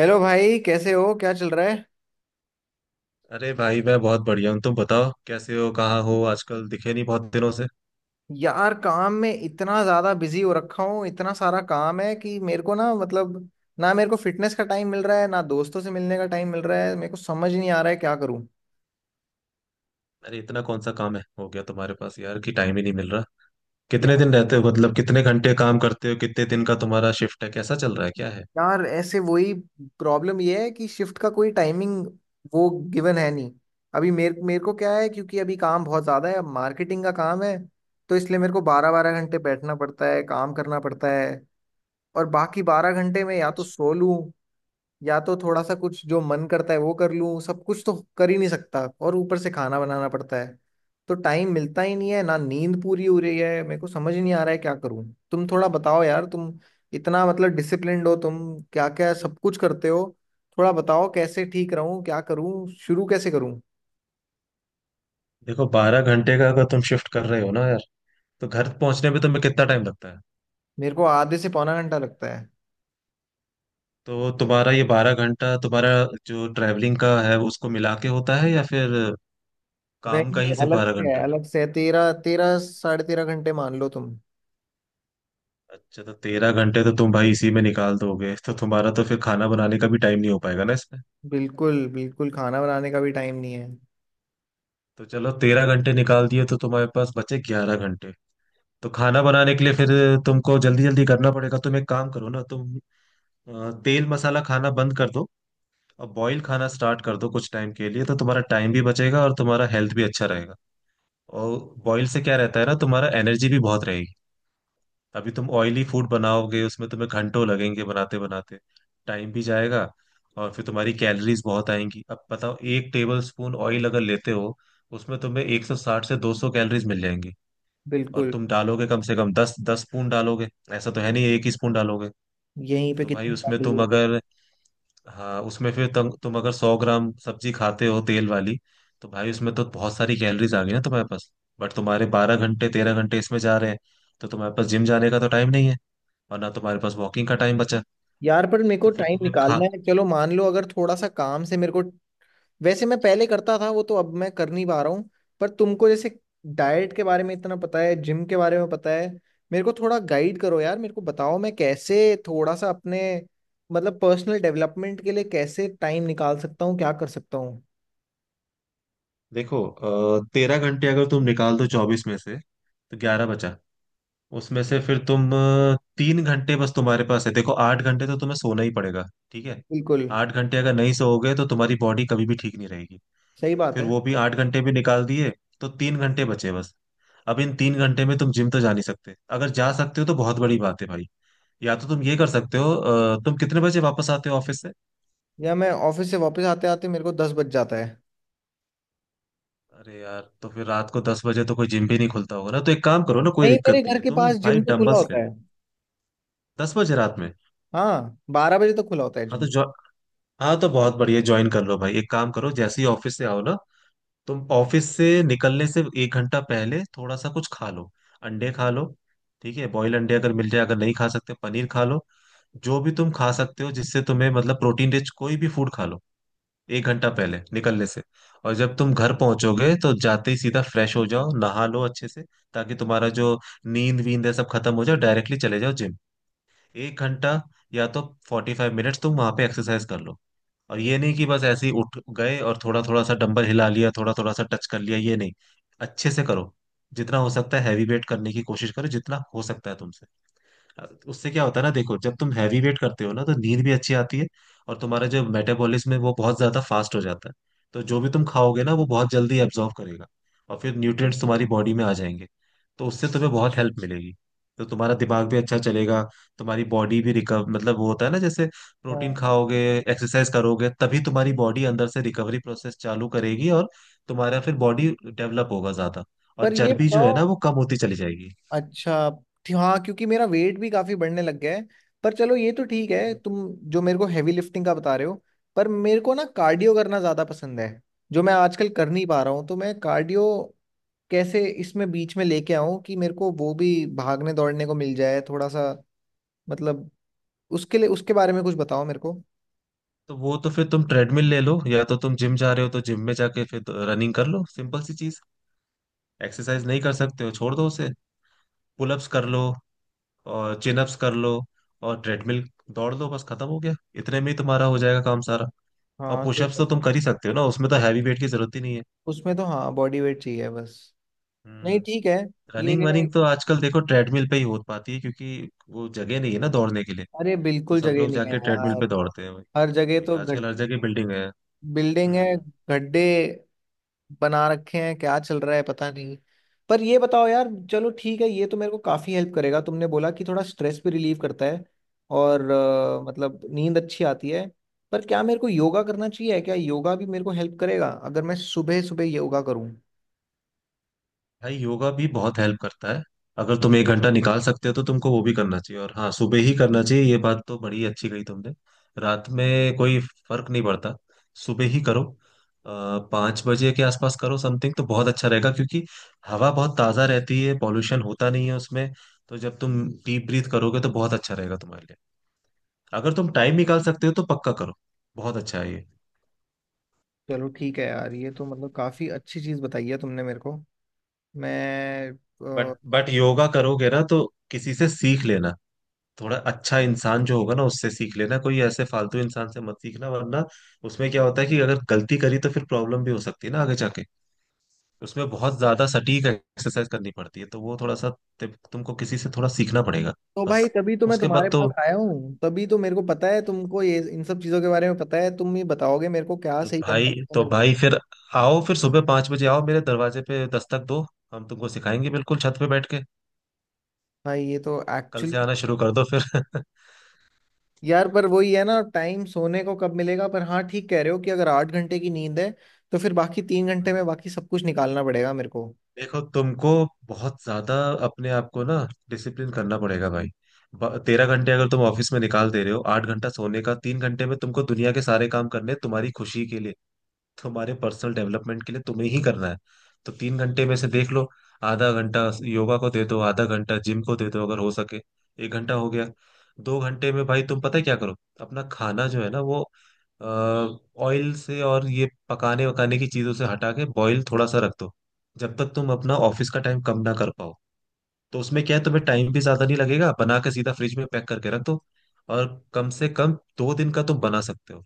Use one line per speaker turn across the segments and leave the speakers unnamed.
Hello भाई, कैसे हो? क्या चल रहा है?
अरे भाई, मैं बहुत बढ़िया हूँ। तुम बताओ कैसे हो, कहाँ हो? आजकल दिखे नहीं बहुत दिनों से।
यार, काम में इतना ज्यादा बिजी हो रखा हूँ, इतना सारा काम है कि मेरे को, ना, मतलब, ना, मेरे को फिटनेस का टाइम मिल रहा है, ना दोस्तों से मिलने का टाइम मिल रहा है। मेरे को समझ ही नहीं आ रहा है क्या करूँ।
अरे इतना कौन सा काम है हो गया तुम्हारे पास यार कि टाइम ही नहीं मिल रहा? कितने
यार,
दिन रहते हो, मतलब कितने घंटे काम करते हो? कितने दिन का तुम्हारा शिफ्ट है, कैसा चल रहा है, क्या है?
यार, ऐसे वही प्रॉब्लम ये है कि शिफ्ट का कोई टाइमिंग, वो गिवन है नहीं। अभी मेरे मेरे को क्या है, क्योंकि अभी काम बहुत ज्यादा है, मार्केटिंग का काम है, तो इसलिए मेरे को बारह बारह घंटे बैठना पड़ता है, काम करना पड़ता है। और बाकी 12 घंटे में या तो सो लूँ, या तो थोड़ा सा कुछ जो मन करता है वो कर लूं, सब कुछ तो कर ही नहीं सकता। और ऊपर से खाना बनाना पड़ता है। तो टाइम मिलता ही नहीं है, ना नींद पूरी हो रही है। मेरे को समझ ही नहीं आ रहा है क्या करूं। तुम थोड़ा बताओ यार, तुम इतना मतलब डिसिप्लिन्ड हो, तुम क्या क्या सब कुछ करते हो? थोड़ा बताओ कैसे ठीक रहूं, क्या करूं, शुरू कैसे करूं?
देखो, 12 घंटे का अगर तुम शिफ्ट कर रहे हो ना यार, तो घर पहुंचने में तुम्हें कितना टाइम लगता है?
मेरे को आधे से पौना घंटा लगता है।
तो तुम्हारा ये 12 घंटा तुम्हारा जो ट्रैवलिंग का है उसको मिला के होता है, या फिर काम
नहीं
का
नहीं,
ही सिर्फ
अलग
बारह
से
घंटा
है,
है
अलग से है, तेरह, तेरह साढ़े तेरह घंटे मान लो तुम।
अच्छा, तो 13 घंटे तो तुम भाई इसी में निकाल दोगे, तो तुम्हारा तो फिर खाना बनाने का भी टाइम नहीं हो पाएगा ना इसमें।
बिल्कुल बिल्कुल, खाना बनाने का भी टाइम नहीं है।
तो चलो 13 घंटे निकाल दिए, तो तुम्हारे पास बचे 11 घंटे। तो खाना बनाने के लिए फिर तुमको जल्दी जल्दी करना पड़ेगा। तुम एक काम करो ना तुम, तेल मसाला खाना बंद कर दो और बॉईल खाना स्टार्ट कर दो कुछ टाइम के लिए, तो तुम्हारा टाइम भी बचेगा और तुम्हारा हेल्थ भी अच्छा रहेगा। और बॉईल से क्या रहता है ना, तुम्हारा एनर्जी भी बहुत रहेगी। अभी तुम ऑयली फूड बनाओगे उसमें तुम्हें घंटों लगेंगे बनाते बनाते, टाइम भी जाएगा और फिर तुम्हारी कैलोरीज बहुत आएंगी। अब बताओ, एक टेबल स्पून ऑयल अगर लेते हो उसमें तुम्हें 160 से 200 कैलोरीज मिल जाएंगी। और
बिल्कुल।
तुम डालोगे कम से कम दस दस स्पून डालोगे, ऐसा तो है नहीं एक ही स्पून डालोगे।
यहीं पे
तो भाई
कितनी
उसमें
बातें
तुम
हो गई।
अगर, हाँ उसमें फिर तुम अगर 100 ग्राम सब्जी खाते हो तेल वाली, तो भाई उसमें तो बहुत सारी कैलोरीज आ गई ना तुम्हारे पास। बट तुम्हारे 12 घंटे 13 घंटे इसमें जा रहे हैं, तो तुम्हारे पास जिम जाने का तो टाइम नहीं है और ना तुम्हारे पास वॉकिंग का टाइम बचा।
यार, पर मेरे को
तो फिर
टाइम
तुम्हें खा
निकालना है, चलो मान लो अगर थोड़ा सा काम से मेरे को। वैसे मैं पहले करता था, वो तो अब मैं कर नहीं पा रहा हूँ। पर तुमको जैसे डाइट के बारे में इतना पता है, जिम के बारे में पता है, मेरे को थोड़ा गाइड करो यार, मेरे को बताओ मैं कैसे थोड़ा सा अपने, मतलब पर्सनल डेवलपमेंट के लिए, कैसे टाइम निकाल सकता हूँ, क्या कर सकता हूँ?
देखो, 13 घंटे अगर तुम निकाल दो 24 में से तो 11 बचा। उसमें से फिर तुम 3 घंटे बस तुम्हारे पास है। देखो 8 घंटे तो तुम्हें सोना ही पड़ेगा, ठीक है?
बिल्कुल।
8 घंटे अगर नहीं सोओगे तो तुम्हारी बॉडी कभी भी ठीक नहीं रहेगी।
सही बात
फिर
है।
वो भी 8 घंटे भी निकाल दिए तो 3 घंटे बचे बस। अब इन 3 घंटे में तुम जिम तो जा नहीं सकते, अगर जा सकते हो तो बहुत बड़ी बात है भाई। या तो तुम ये कर सकते हो, तुम कितने बजे वापस आते हो ऑफिस से?
या मैं ऑफिस से वापस आते आते मेरे को 10 बज जाता है।
अरे यार, तो फिर रात को 10 बजे तो कोई जिम भी नहीं खुलता होगा ना, तो एक काम करो ना, कोई
नहीं, मेरे
दिक्कत नहीं
घर
है
के
तुम
पास जिम
भाई
तो खुला
डंबल्स ले
होता
लो।
है।
10 बजे रात में?
हाँ, 12 बजे तो खुला होता है।
हाँ तो, हाँ तो बहुत बढ़िया, ज्वाइन कर लो भाई। एक काम करो, जैसे ही ऑफिस से आओ ना, तुम ऑफिस से निकलने से 1 घंटा पहले थोड़ा सा कुछ खा लो, अंडे खा लो। ठीक है, बॉयल अंडे अगर मिल जाए, अगर नहीं खा सकते पनीर खा लो, जो भी तुम खा सकते हो जिससे तुम्हें मतलब प्रोटीन रिच कोई भी फूड खा लो, 1 घंटा पहले निकलने से। और जब तुम घर पहुंचोगे तो जाते ही सीधा फ्रेश हो जाओ, नहा लो अच्छे से, ताकि तुम्हारा जो नींद वींद है सब खत्म हो जाए, डायरेक्टली चले जाओ जिम। 1 घंटा या तो 45 मिनट्स तुम वहां पे एक्सरसाइज कर लो। और ये नहीं कि बस ऐसे ही उठ गए और थोड़ा थोड़ा सा डंबल हिला लिया, थोड़ा थोड़ा सा टच कर लिया, ये नहीं। अच्छे से करो, जितना हो सकता है हैवी वेट करने की कोशिश करो जितना हो सकता है तुमसे। उससे क्या होता है ना देखो, जब तुम हैवी वेट करते हो ना तो नींद भी अच्छी आती है और तुम्हारा जो मेटाबॉलिज्म है वो बहुत ज्यादा फास्ट हो जाता है। तो जो भी तुम खाओगे ना वो बहुत जल्दी एब्जॉर्व करेगा, और फिर न्यूट्रिएंट्स तुम्हारी बॉडी में आ जाएंगे, तो उससे तुम्हें बहुत हेल्प मिलेगी। तो तुम्हारा दिमाग भी अच्छा चलेगा, तुम्हारी बॉडी भी रिकवर, मतलब वो होता है ना, जैसे प्रोटीन
जिम।
खाओगे एक्सरसाइज करोगे तभी तुम्हारी बॉडी अंदर से रिकवरी प्रोसेस चालू करेगी और तुम्हारा फिर बॉडी डेवलप होगा ज्यादा, और
पर ये
चर्बी जो है
बताओ,
ना वो कम होती चली जाएगी।
अच्छा, हाँ, क्योंकि मेरा वेट भी काफी बढ़ने लग गया है। पर चलो ये तो ठीक है, तुम जो मेरे को हैवी लिफ्टिंग का बता रहे हो, पर मेरे को ना कार्डियो करना ज्यादा पसंद है, जो मैं आजकल कर नहीं पा रहा हूँ। तो मैं कार्डियो कैसे इसमें बीच में लेके आऊँ, कि मेरे को वो भी भागने दौड़ने को मिल जाए थोड़ा सा, मतलब उसके लिए, उसके बारे में कुछ बताओ मेरे को।
तो वो तो फिर तुम ट्रेडमिल ले लो, या तो तुम जिम जा रहे हो तो जिम में जाके फिर तो रनिंग कर लो, सिंपल सी चीज। एक्सरसाइज नहीं कर सकते हो छोड़ दो उसे, पुलअप्स कर लो और चिन अप्स कर लो और ट्रेडमिल दौड़ लो, बस खत्म हो गया, इतने में ही तुम्हारा हो जाएगा काम सारा। और
हाँ, सही
पुशअप्स
कह
तो
रहे हो।
तुम कर ही सकते हो ना, उसमें तो हैवी वेट की जरूरत ही नहीं है।
उसमें तो हाँ, बॉडी वेट चाहिए बस। नहीं,
हम्म।
ठीक है। ये
रनिंग वनिंग तो आजकल देखो ट्रेडमिल पे ही हो पाती है, क्योंकि वो जगह नहीं है ना दौड़ने के लिए।
अरे,
तो
बिल्कुल
सब
जगह
लोग
नहीं है
जाके ट्रेडमिल
यार।
पे दौड़ते हैं वही।
हर जगह
वही
तो घट,
आजकल हर जगह बिल्डिंग है।
बिल्डिंग है,
हम्म।
गड्ढे बना रखे हैं, क्या चल रहा है, पता नहीं। पर ये बताओ यार, चलो ठीक है, ये तो मेरे को काफी हेल्प करेगा, तुमने बोला कि थोड़ा स्ट्रेस भी रिलीव करता है, और
हम्म।
मतलब नींद अच्छी आती है। पर क्या मेरे को योगा करना चाहिए? क्या योगा भी मेरे को हेल्प करेगा अगर मैं सुबह सुबह योगा करूं?
भाई योगा भी बहुत हेल्प करता है। अगर तुम 1 घंटा निकाल सकते हो तो तुमको वो भी करना चाहिए, और हाँ सुबह ही करना चाहिए, ये बात तो बड़ी अच्छी कही तुमने। रात में कोई फर्क नहीं पड़ता, सुबह ही करो। 5 बजे के आसपास करो समथिंग, तो बहुत अच्छा रहेगा, क्योंकि हवा बहुत ताज़ा रहती है, पॉल्यूशन होता नहीं है उसमें। तो जब तुम डीप ब्रीथ करोगे तो बहुत अच्छा रहेगा तुम्हारे लिए। अगर तुम टाइम निकाल सकते हो तो पक्का करो, बहुत अच्छा है ये।
चलो ठीक है यार, ये तो मतलब काफी अच्छी चीज बताई है तुमने मेरे को। मैं
बट योगा करोगे ना, तो किसी से सीख लेना, थोड़ा अच्छा इंसान जो होगा ना उससे सीख लेना, कोई ऐसे फालतू इंसान से मत सीखना, वरना उसमें क्या होता है कि अगर गलती करी तो फिर प्रॉब्लम भी हो सकती है ना आगे जाके। उसमें बहुत ज्यादा सटीक एक्सरसाइज करनी पड़ती है, तो वो थोड़ा सा, तुमको किसी से थोड़ा सीखना पड़ेगा।
तो भाई,
बस
तभी तो मैं
उसके
तुम्हारे
बाद
पास आया हूँ, तभी तो मेरे को पता है तुमको ये, इन सब चीजों के बारे में पता है, तुम ही बताओगे मेरे को क्या
तो
सही करना है
भाई
तो
तो
मेरे को।
भाई फिर आओ, फिर सुबह 5 बजे आओ, मेरे दरवाजे पे दस्तक दो, हम तुमको सिखाएंगे बिल्कुल, छत पे बैठ के।
भाई ये तो
कल
एक्चुअली।
से आना शुरू कर दो फिर।
यार पर वही है ना, टाइम सोने को कब मिलेगा? पर हाँ ठीक कह रहे हो कि अगर 8 घंटे की नींद है, तो फिर बाकी 3 घंटे में बाकी सब कुछ निकालना पड़ेगा मेरे को।
देखो, तुमको बहुत ज्यादा अपने आप को ना डिसिप्लिन करना पड़ेगा भाई। 13 घंटे अगर तुम ऑफिस में निकाल दे रहे हो, 8 घंटा सोने का, 3 घंटे में तुमको दुनिया के सारे काम करने हैं तुम्हारी खुशी के लिए, तुम्हारे पर्सनल डेवलपमेंट के लिए तुम्हें ही करना है। तो 3 घंटे में से देख लो, आधा घंटा योगा को दे दो, आधा घंटा जिम को दे दो अगर हो सके, 1 घंटा हो गया। 2 घंटे में भाई तुम पता है क्या करो, अपना खाना जो है ना वो ऑयल से और ये पकाने वकाने की चीजों से हटा के बॉईल थोड़ा सा रख दो, जब तक तुम अपना ऑफिस का टाइम कम ना कर पाओ। तो उसमें क्या है, तुम्हें टाइम भी ज्यादा नहीं लगेगा, बना के सीधा फ्रिज में पैक करके रख दो, और कम से कम 2 दिन का तुम बना सकते हो।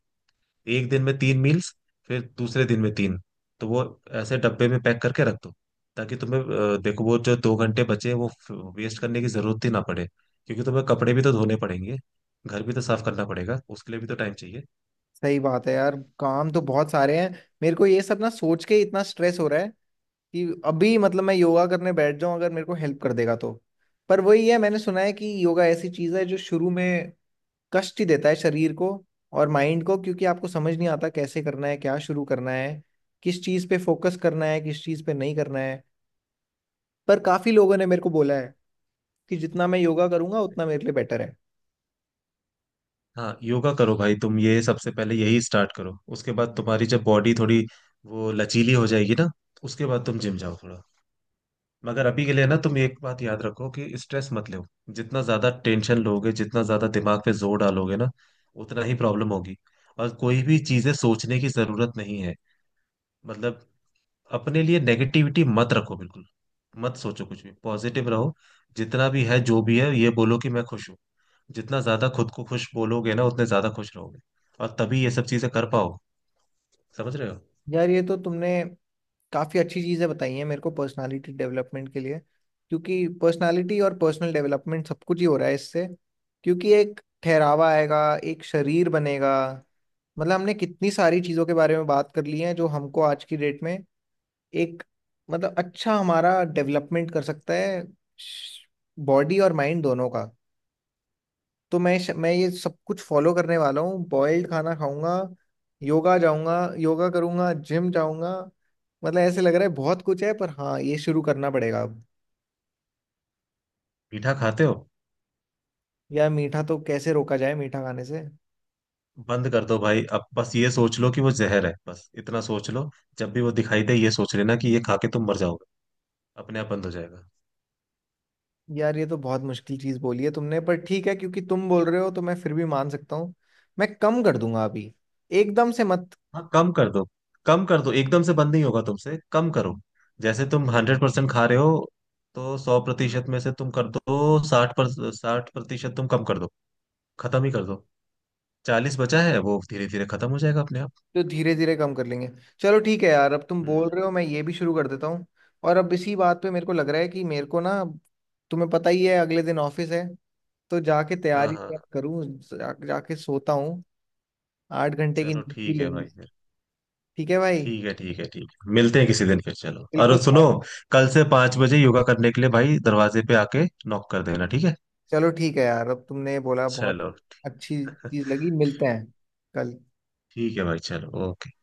1 दिन में 3 मील्स, फिर दूसरे दिन में 3, तो वो ऐसे डब्बे में पैक करके रख दो, ताकि तुम्हें, देखो वो जो 2 घंटे बचे हैं, वो वेस्ट करने की जरूरत ही ना पड़े। क्योंकि तुम्हें कपड़े भी तो धोने पड़ेंगे, घर भी तो साफ करना पड़ेगा, उसके लिए भी तो टाइम चाहिए।
सही बात है यार, काम तो बहुत सारे हैं। मेरे को ये सब ना सोच के इतना स्ट्रेस हो रहा है, कि अभी मतलब मैं योगा करने बैठ जाऊं अगर मेरे को हेल्प कर देगा तो। पर वही है, मैंने सुना है कि योगा ऐसी चीज है जो शुरू में कष्ट ही देता है शरीर को और माइंड को, क्योंकि आपको समझ नहीं आता कैसे करना है, क्या शुरू करना है, किस चीज पे फोकस करना है, किस चीज पे नहीं करना है। पर काफी लोगों ने मेरे को बोला है कि जितना मैं योगा करूंगा उतना मेरे लिए बेटर है।
हाँ योगा करो भाई तुम, ये सबसे पहले यही स्टार्ट करो, उसके बाद तुम्हारी जब बॉडी थोड़ी वो लचीली हो जाएगी ना, उसके बाद तुम जिम जाओ थोड़ा। मगर अभी के लिए ना तुम एक बात याद रखो कि स्ट्रेस मत लो। जितना ज्यादा टेंशन लोगे, जितना ज्यादा दिमाग पे जोर डालोगे ना, उतना ही प्रॉब्लम होगी। और कोई भी चीजें सोचने की जरूरत नहीं है, मतलब अपने लिए नेगेटिविटी मत रखो बिल्कुल, मत सोचो कुछ भी, पॉजिटिव रहो। जितना भी है जो भी है ये बोलो कि मैं खुश हूँ, जितना ज्यादा खुद को खुश बोलोगे ना उतने ज्यादा खुश रहोगे और तभी ये सब चीजें कर पाओ। समझ रहे हो?
यार ये तो तुमने काफी अच्छी चीजें बताई हैं मेरे को, पर्सनालिटी डेवलपमेंट के लिए, क्योंकि पर्सनालिटी और पर्सनल डेवलपमेंट सब कुछ ही हो रहा है इससे। क्योंकि एक ठहरावा आएगा, एक शरीर बनेगा। मतलब हमने कितनी सारी चीजों के बारे में बात कर ली है जो हमको आज की डेट में एक, मतलब अच्छा हमारा डेवलपमेंट कर सकता है, बॉडी और माइंड दोनों का। तो मैं ये सब कुछ फॉलो करने वाला हूँ, बॉइल्ड खाना खाऊंगा, योगा जाऊंगा, योगा करूंगा, जिम जाऊंगा। मतलब ऐसे लग रहा है बहुत कुछ है, पर हाँ ये शुरू करना पड़ेगा अब।
मीठा खाते हो?
यार मीठा तो कैसे रोका जाए, मीठा खाने से?
बंद कर दो भाई, अब बस ये सोच लो कि वो जहर है, बस इतना सोच लो। जब भी वो दिखाई दे ये सोच लेना कि ये खा के तुम मर जाओगे, अपने आप बंद हो जाएगा।
यार ये तो बहुत मुश्किल चीज़ बोली है तुमने, पर ठीक है, क्योंकि तुम बोल रहे हो तो मैं फिर भी मान सकता हूँ। मैं कम कर दूंगा अभी, एकदम से मत।
हाँ कम कर दो, कम कर दो, एकदम से बंद नहीं होगा तुमसे, कम करो। जैसे तुम 100% खा रहे हो, तो 100% में से तुम कर दो 60 पर, 60% तुम कम कर दो, खत्म ही कर दो। 40 बचा है वो धीरे धीरे खत्म हो जाएगा अपने आप।
तो धीरे धीरे कम कर लेंगे। चलो ठीक है यार, अब तुम बोल
हम्म।
रहे हो मैं ये भी शुरू कर देता हूँ। और अब इसी बात पे मेरे को लग रहा है कि मेरे को ना, तुम्हें पता ही है अगले दिन ऑफिस है, तो जाके
हाँ
तैयारी
हाँ
वैयारी
हाँ।
करूँ, जाके सोता हूँ। 8 घंटे की
चलो
नींद भी
ठीक है
लेनी
भाई।
है। ठीक है भाई।
ठीक है ठीक है ठीक है, मिलते हैं किसी दिन फिर, चलो और
बिल्कुल
सुनो,
यार।
कल से 5 बजे योगा करने के लिए भाई दरवाजे पे आके नॉक कर देना, ठीक है?
चलो ठीक है यार, अब तुमने बोला बहुत
चलो।
अच्छी चीज लगी, मिलते हैं कल।
ठीक है भाई, चलो, ओके।